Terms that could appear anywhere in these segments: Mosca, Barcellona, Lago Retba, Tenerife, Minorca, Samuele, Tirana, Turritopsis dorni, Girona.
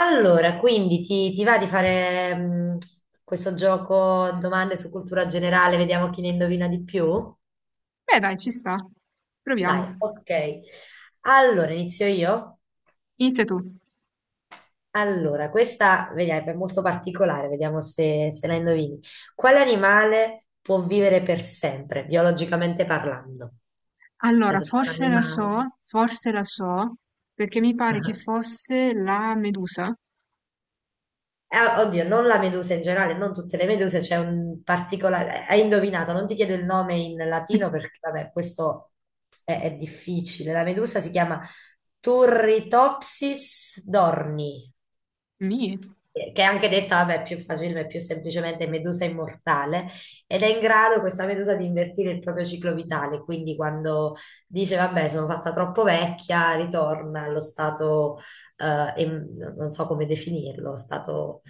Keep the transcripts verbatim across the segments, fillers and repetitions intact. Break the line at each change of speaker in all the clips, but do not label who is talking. Allora, quindi ti, ti va di fare mh, questo gioco domande su cultura generale, vediamo chi ne indovina di più?
Beh dai, ci sta. Proviamo.
Dai, ok. Allora, inizio io?
Inizia tu.
Allora, questa vediamo, è molto particolare, vediamo se, se la indovini. Quale animale può vivere per sempre, biologicamente parlando? Nel
Allora,
senso, c'è un
forse la
animale.
so, forse la so, perché mi pare che
Ah.
fosse la Medusa.
Eh, oddio, non la medusa in generale, non tutte le meduse, c'è un particolare. Hai indovinato, non ti chiedo il nome in latino perché, vabbè, questo è, è difficile. La medusa si chiama Turritopsis dorni
Nì,
che è anche detta, vabbè, più facile, più semplicemente medusa immortale, ed è in grado questa medusa di invertire il proprio ciclo vitale, quindi quando dice, vabbè, sono fatta troppo vecchia, ritorna allo stato, eh, em- non so come definirlo, stato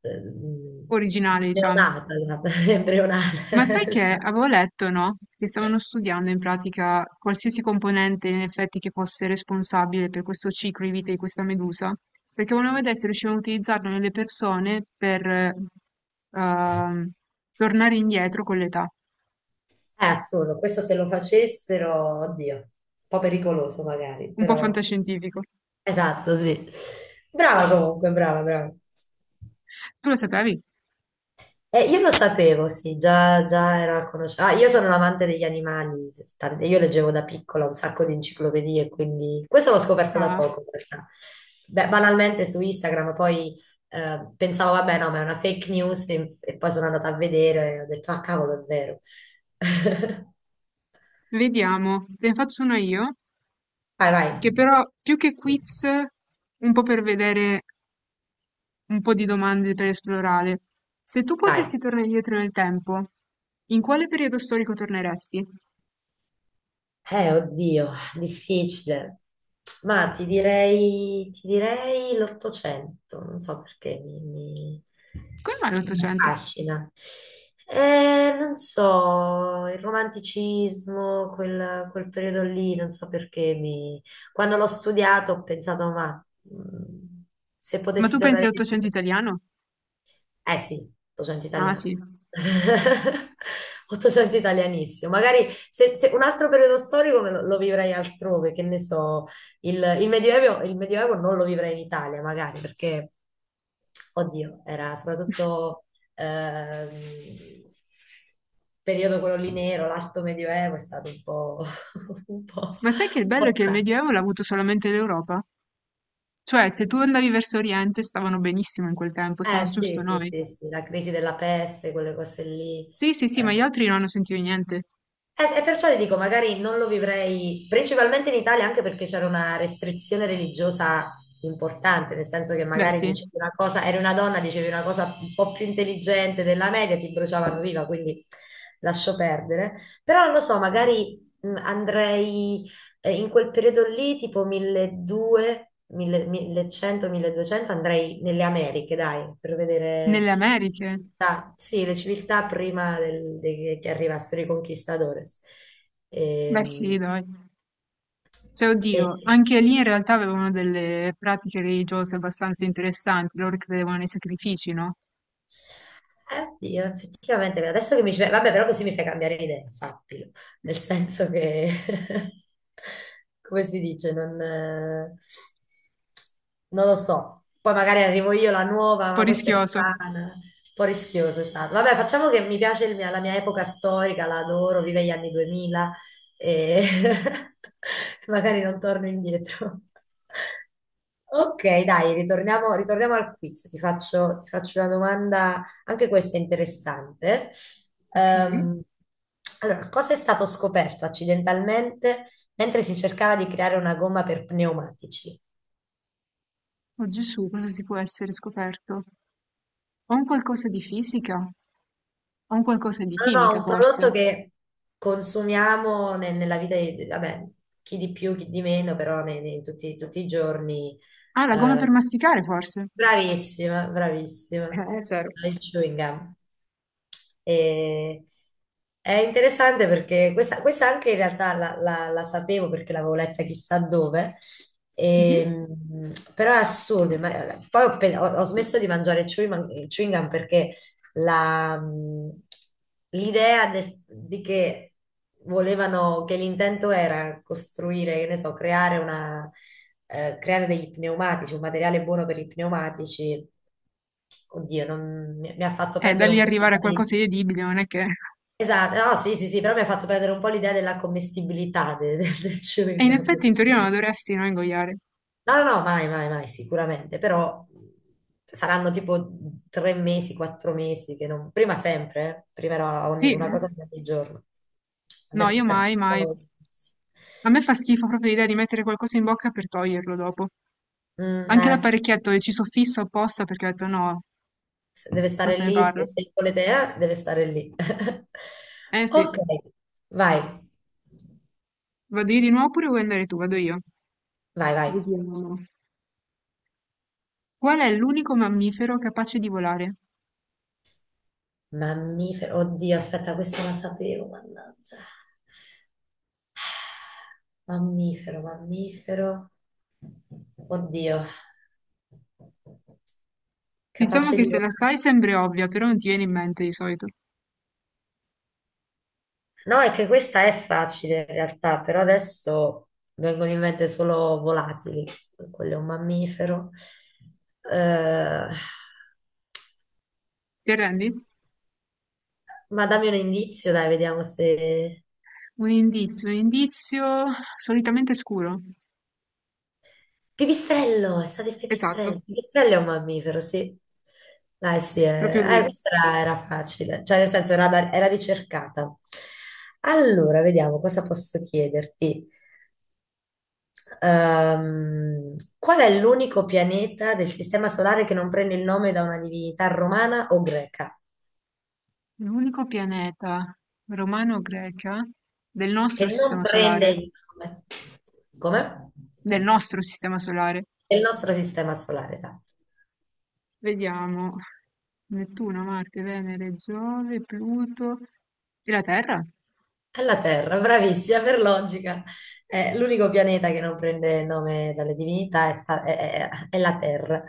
ehm,
originale, diciamo.
neonata, embrionale.
Ma sai che
Esatto.
avevo letto, no? Che stavano studiando in pratica qualsiasi componente in effetti che fosse responsabile per questo ciclo di vita di questa medusa, perché volevano vedere se riuscivano a utilizzarlo nelle persone per eh, ehm, tornare indietro con l'età.
È assurdo, questo se lo facessero, oddio, un po' pericoloso magari,
Un po'
però.
fantascientifico.
Esatto, sì. Brava comunque, brava, brava.
Tu lo sapevi?
Eh, io lo sapevo, sì, già, già era conosciuto. Ah, io sono un amante degli animali, tante- io leggevo da piccola un sacco di enciclopedie, quindi questo l'ho scoperto da
Ah.
poco in realtà. Beh, banalmente su Instagram, poi eh, pensavo, vabbè, no, ma è una fake news e, e poi sono andata a vedere e ho detto, ah, cavolo, è vero.
Vediamo, ne faccio una io,
Vai, vai,
che però più che quiz, un po' per vedere un po' di domande per esplorare. Se tu
vai.
potessi tornare indietro nel tempo, in quale periodo storico torneresti?
Eh, oddio, difficile. Ma ti direi, ti direi l'Ottocento, non so perché mi, mi,
Come mai
mi
l'Ottocento?
affascina. Eh, non so, il romanticismo, quel, quel periodo lì, non so perché mi. Quando l'ho studiato ho pensato, ma mm, se
Ma tu
potessi
pensi
tornare
all'Ottocento
indietro.
italiano?
Eh sì, ottocento
Ah
italiano.
sì.
ottocento italianissimo. Magari se, se un altro periodo storico me lo, lo vivrei altrove, che ne so, il, il Medioevo, il Medioevo non lo vivrei in Italia, magari, perché, oddio, era soprattutto ehm, periodo quello lì nero, l'alto Medioevo è stato un po', un po',
Ma sai che il
un
bello è
po'
che il
tragico.
Medioevo l'ha avuto solamente l'Europa? Cioè, se tu andavi verso Oriente, stavano benissimo in quel tempo, siamo
Eh sì,
giusto
sì,
noi.
sì, sì, la crisi della peste, quelle cose lì.
Sì, sì, sì,
Eh.
ma gli altri non hanno sentito niente.
Eh, e perciò ti dico, magari non lo vivrei principalmente in Italia, anche perché c'era una restrizione religiosa importante, nel senso che
Beh
magari
sì,
dicevi una cosa, eri una donna, dicevi una cosa un po' più intelligente della media, ti bruciavano viva, quindi lascio perdere. Però non lo so, magari mh, andrei eh, in quel periodo lì, tipo milleduecento, millecento, milleduecento, andrei nelle Americhe, dai, per vedere
nelle Americhe.
civiltà- sì, le civiltà prima del- de- che arrivassero i conquistadores.
Beh
Ehm,
sì, dai. Cioè,
E, eh,
oddio, anche lì in realtà avevano delle pratiche religiose abbastanza interessanti, loro credevano nei sacrifici, no? Un
Oddio, effettivamente, adesso che mi ci fai- vabbè, però così mi fai cambiare idea, sappilo, nel senso che, come si dice, non, eh, non lo so. Poi magari arrivo io la nuova,
po'
ma questa è
rischioso.
strana, un po' rischioso è stato. Vabbè, facciamo che mi piace il mia- la mia epoca storica, la adoro, vive gli anni duemila e magari non torno indietro. Ok, dai, ritorniamo, ritorniamo al quiz. Ti faccio, ti faccio una domanda, anche questa è interessante.
Ok.
Ehm, allora, cosa è stato scoperto accidentalmente mentre si cercava di creare una gomma per pneumatici?
Oh Gesù, cosa si può essere scoperto? Ho un qualcosa di fisica? Ho un qualcosa di
No, no,
chimica,
un prodotto
forse?
che consumiamo ne- nella vita di, vabbè, chi di più, chi di meno, però nei, nei tutti, tutti i giorni.
Ah, la gomma per
Eh,
masticare, forse?
bravissima, bravissima.
Eh, c'ero.
Il chewing gum. E- è interessante perché questa, questa anche in realtà la, la- la sapevo perché l'avevo letta chissà dove, e,
Mhm.
mh, però è assurdo. Ma- poi ho, pe- ho- ho smesso di mangiare chewing, chewing gum perché la, mh, l'idea de- di che volevano, che l'intento era costruire, che ne so, creare una, eh, creare degli pneumatici, un materiale buono per i pneumatici. Oddio, non- mi, mi ha fatto
Eh, da
perdere
lì
un po' di.
arrivare a qualcosa di edibile, non è che...
Esatto, no, sì, sì, sì, però mi ha fatto perdere un po' l'idea della commestibilità de- de- del
E
chewing
in effetti
gum.
in teoria non la dovresti, no, ingoiare.
No, no, no, mai, mai, mai, sicuramente, però saranno tipo tre mesi, quattro mesi, che non. Prima sempre, eh. Prima era
Sì,
ogni- una
eh?
cosa ogni giorno.
No,
Adesso ho
io
perso
mai,
un
mai.
po'. il-
A me fa schifo proprio l'idea di mettere qualcosa in bocca per toglierlo dopo.
Mm,
Anche
eh, sì.
l'apparecchietto che ci soffisso apposta perché ho detto no,
Se Deve
non
stare
se ne
lì,
parla.
se se volete, eh, deve stare lì.
Eh
Ok,
sì,
vai,
vado io di nuovo oppure vuoi andare tu? Vado io.
vai, vai.
Vediamo. Qual è l'unico mammifero capace di volare?
Mammifero, oddio, aspetta, questa la sapevo, mannaggia. Mammifero, mammifero. Oddio,
Diciamo
capace di
che se la sai
volare.
sembra ovvia, però non ti viene in mente di solito.
No, è che questa è facile in realtà, però adesso vengono in mente solo volatili. Quello è un mammifero. Eh,
Ti arrendi?
ma dammi un indizio, dai, vediamo se.
Un indizio, un indizio solitamente scuro.
Pipistrello, è stato il pipistrello.
Esatto,
Il pipistrello è un mammifero, sì. Dai, sì,
proprio
eh, eh,
lui.
questa era, era facile, cioè nel senso era, da- era ricercata. Allora, vediamo cosa posso chiederti. Ehm, qual è l'unico pianeta del Sistema Solare che non prende il nome da una divinità romana o greca?
L'unico pianeta romano-greca del nostro
Che non
sistema
prende
solare.
il nome. Come?
Del nostro sistema solare.
Del nostro Sistema Solare, esatto.
Vediamo. Nettuno, Marte, Venere, Giove, Pluto e la Terra.
È la Terra, bravissima, per logica. Eh, l'unico pianeta che non prende nome dalle divinità è, sta- è- è- è la Terra.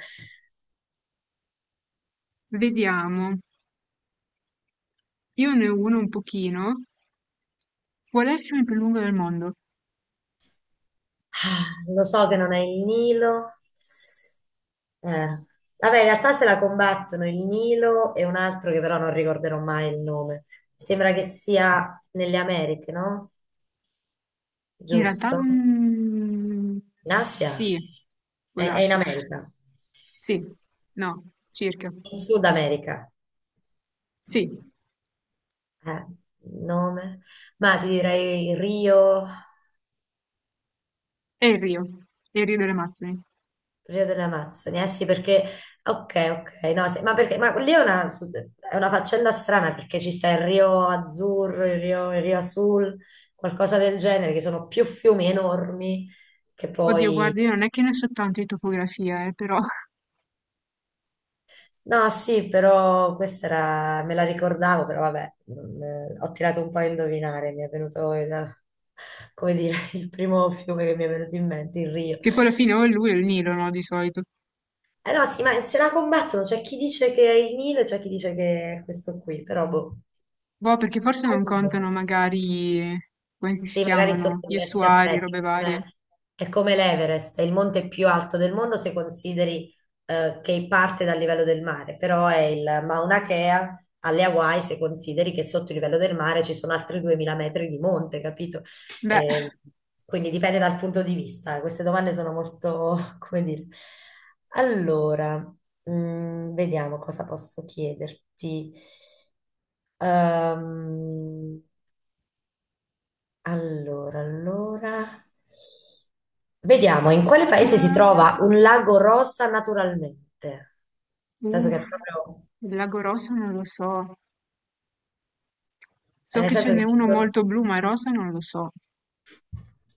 Vediamo. Io ne ho uno un pochino. Qual è il fiume più lungo del mondo?
Ah, lo so che non è il Nilo. Eh, Vabbè, in realtà se la combattono il Nilo e un altro che però non ricorderò mai il nome. Sembra che sia nelle Americhe, no?
In realtà,
Giusto?
mm,
In Asia?
sì, può
È, è in
darsi.
America.
Sì, no, circa.
In Sud America.
Sì,
Eh, nome? Ma ti direi Rio.
è il Rio, è il Rio delle Amazzoni.
Rio delle Amazzoni, eh sì, perché ok, ok, no, sì, ma perché ma lì è una, è una, faccenda strana perché ci sta il Rio Azzurro, il Rio, il Rio Azul, qualcosa del genere, che sono più fiumi enormi che
Oddio,
poi.
guarda, io non è che ne so tanto di topografia, eh, però...
No, sì, però questa era, me la ricordavo, però vabbè, non- eh, ho tirato un po' a indovinare, mi è venuto, il- come dire, il primo fiume che mi è venuto in mente, il Rio.
Che poi alla fine o è lui o il Nilo, no, di solito.
Eh no, sì, ma se la combattono, c'è chi dice che è il Nilo e c'è chi dice che è questo qui, però boh.
Boh, perché forse non
Allora,
contano magari, come si
sì, magari
chiamano,
sotto
gli
diversi
estuari,
aspetti,
robe varie.
come- è come l'Everest, è il monte più alto del mondo se consideri eh, che parte dal livello del mare, però è il Mauna Kea alle Hawaii se consideri che sotto il livello del mare ci sono altri duemila metri di monte, capito?
Beh,
Eh, quindi dipende dal punto di vista. eh, Queste domande sono molto, come dire. Allora, mm, vediamo cosa posso chiederti. Ehm, allora, allora. Vediamo in quale paese si
l'ultima,
trova un lago rosa naturalmente. Nel senso che
uff,
è proprio,
il lago rosa non lo so.
eh,
So
nel
che ce
senso
n'è
che ci
uno
sono-
molto blu, ma rosa non lo so.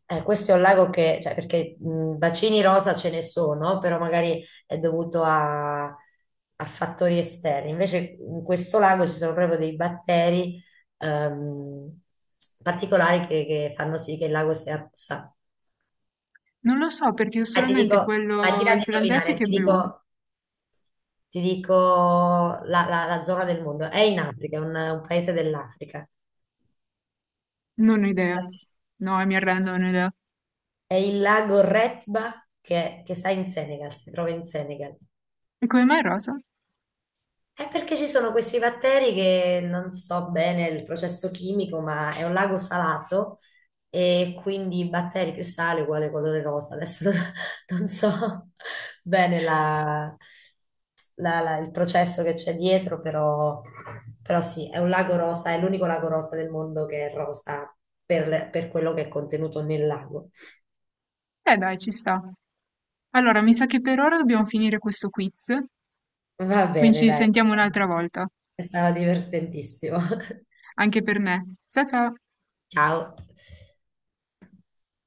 eh, questo è un lago che, cioè, perché mh, bacini rosa ce ne sono, però magari è dovuto a, a fattori esterni. Invece in questo lago ci sono proprio dei batteri ehm, particolari che, che fanno sì che il lago sia rossa.
Non lo so perché ho
Ah, ti
solamente
dico, ah,
quello
tira di
islandese
indovinare,
che è
ti
blu.
dico Ti dico la, la- la zona del mondo. È in Africa, è un, un paese dell'Africa.
Non ho idea. No, mi arrendo, non ho idea.
È il lago Retba che, che sta in Senegal, si trova in Senegal.
E come mai rosa?
È perché ci sono questi batteri che non so bene il processo chimico, ma è un lago salato e quindi batteri più sale uguale colore rosa. Adesso non, non so bene la- la- la- il processo che c'è dietro, però, però, sì, è un lago rosa, è l'unico lago rosa del mondo che è rosa per, per quello che è contenuto nel lago.
Eh dai, ci sta. Allora, mi sa che per ora dobbiamo finire questo quiz,
Va
quindi
bene,
ci
dai,
sentiamo un'altra volta,
è stato divertentissimo.
anche per me. Ciao ciao!
Ciao.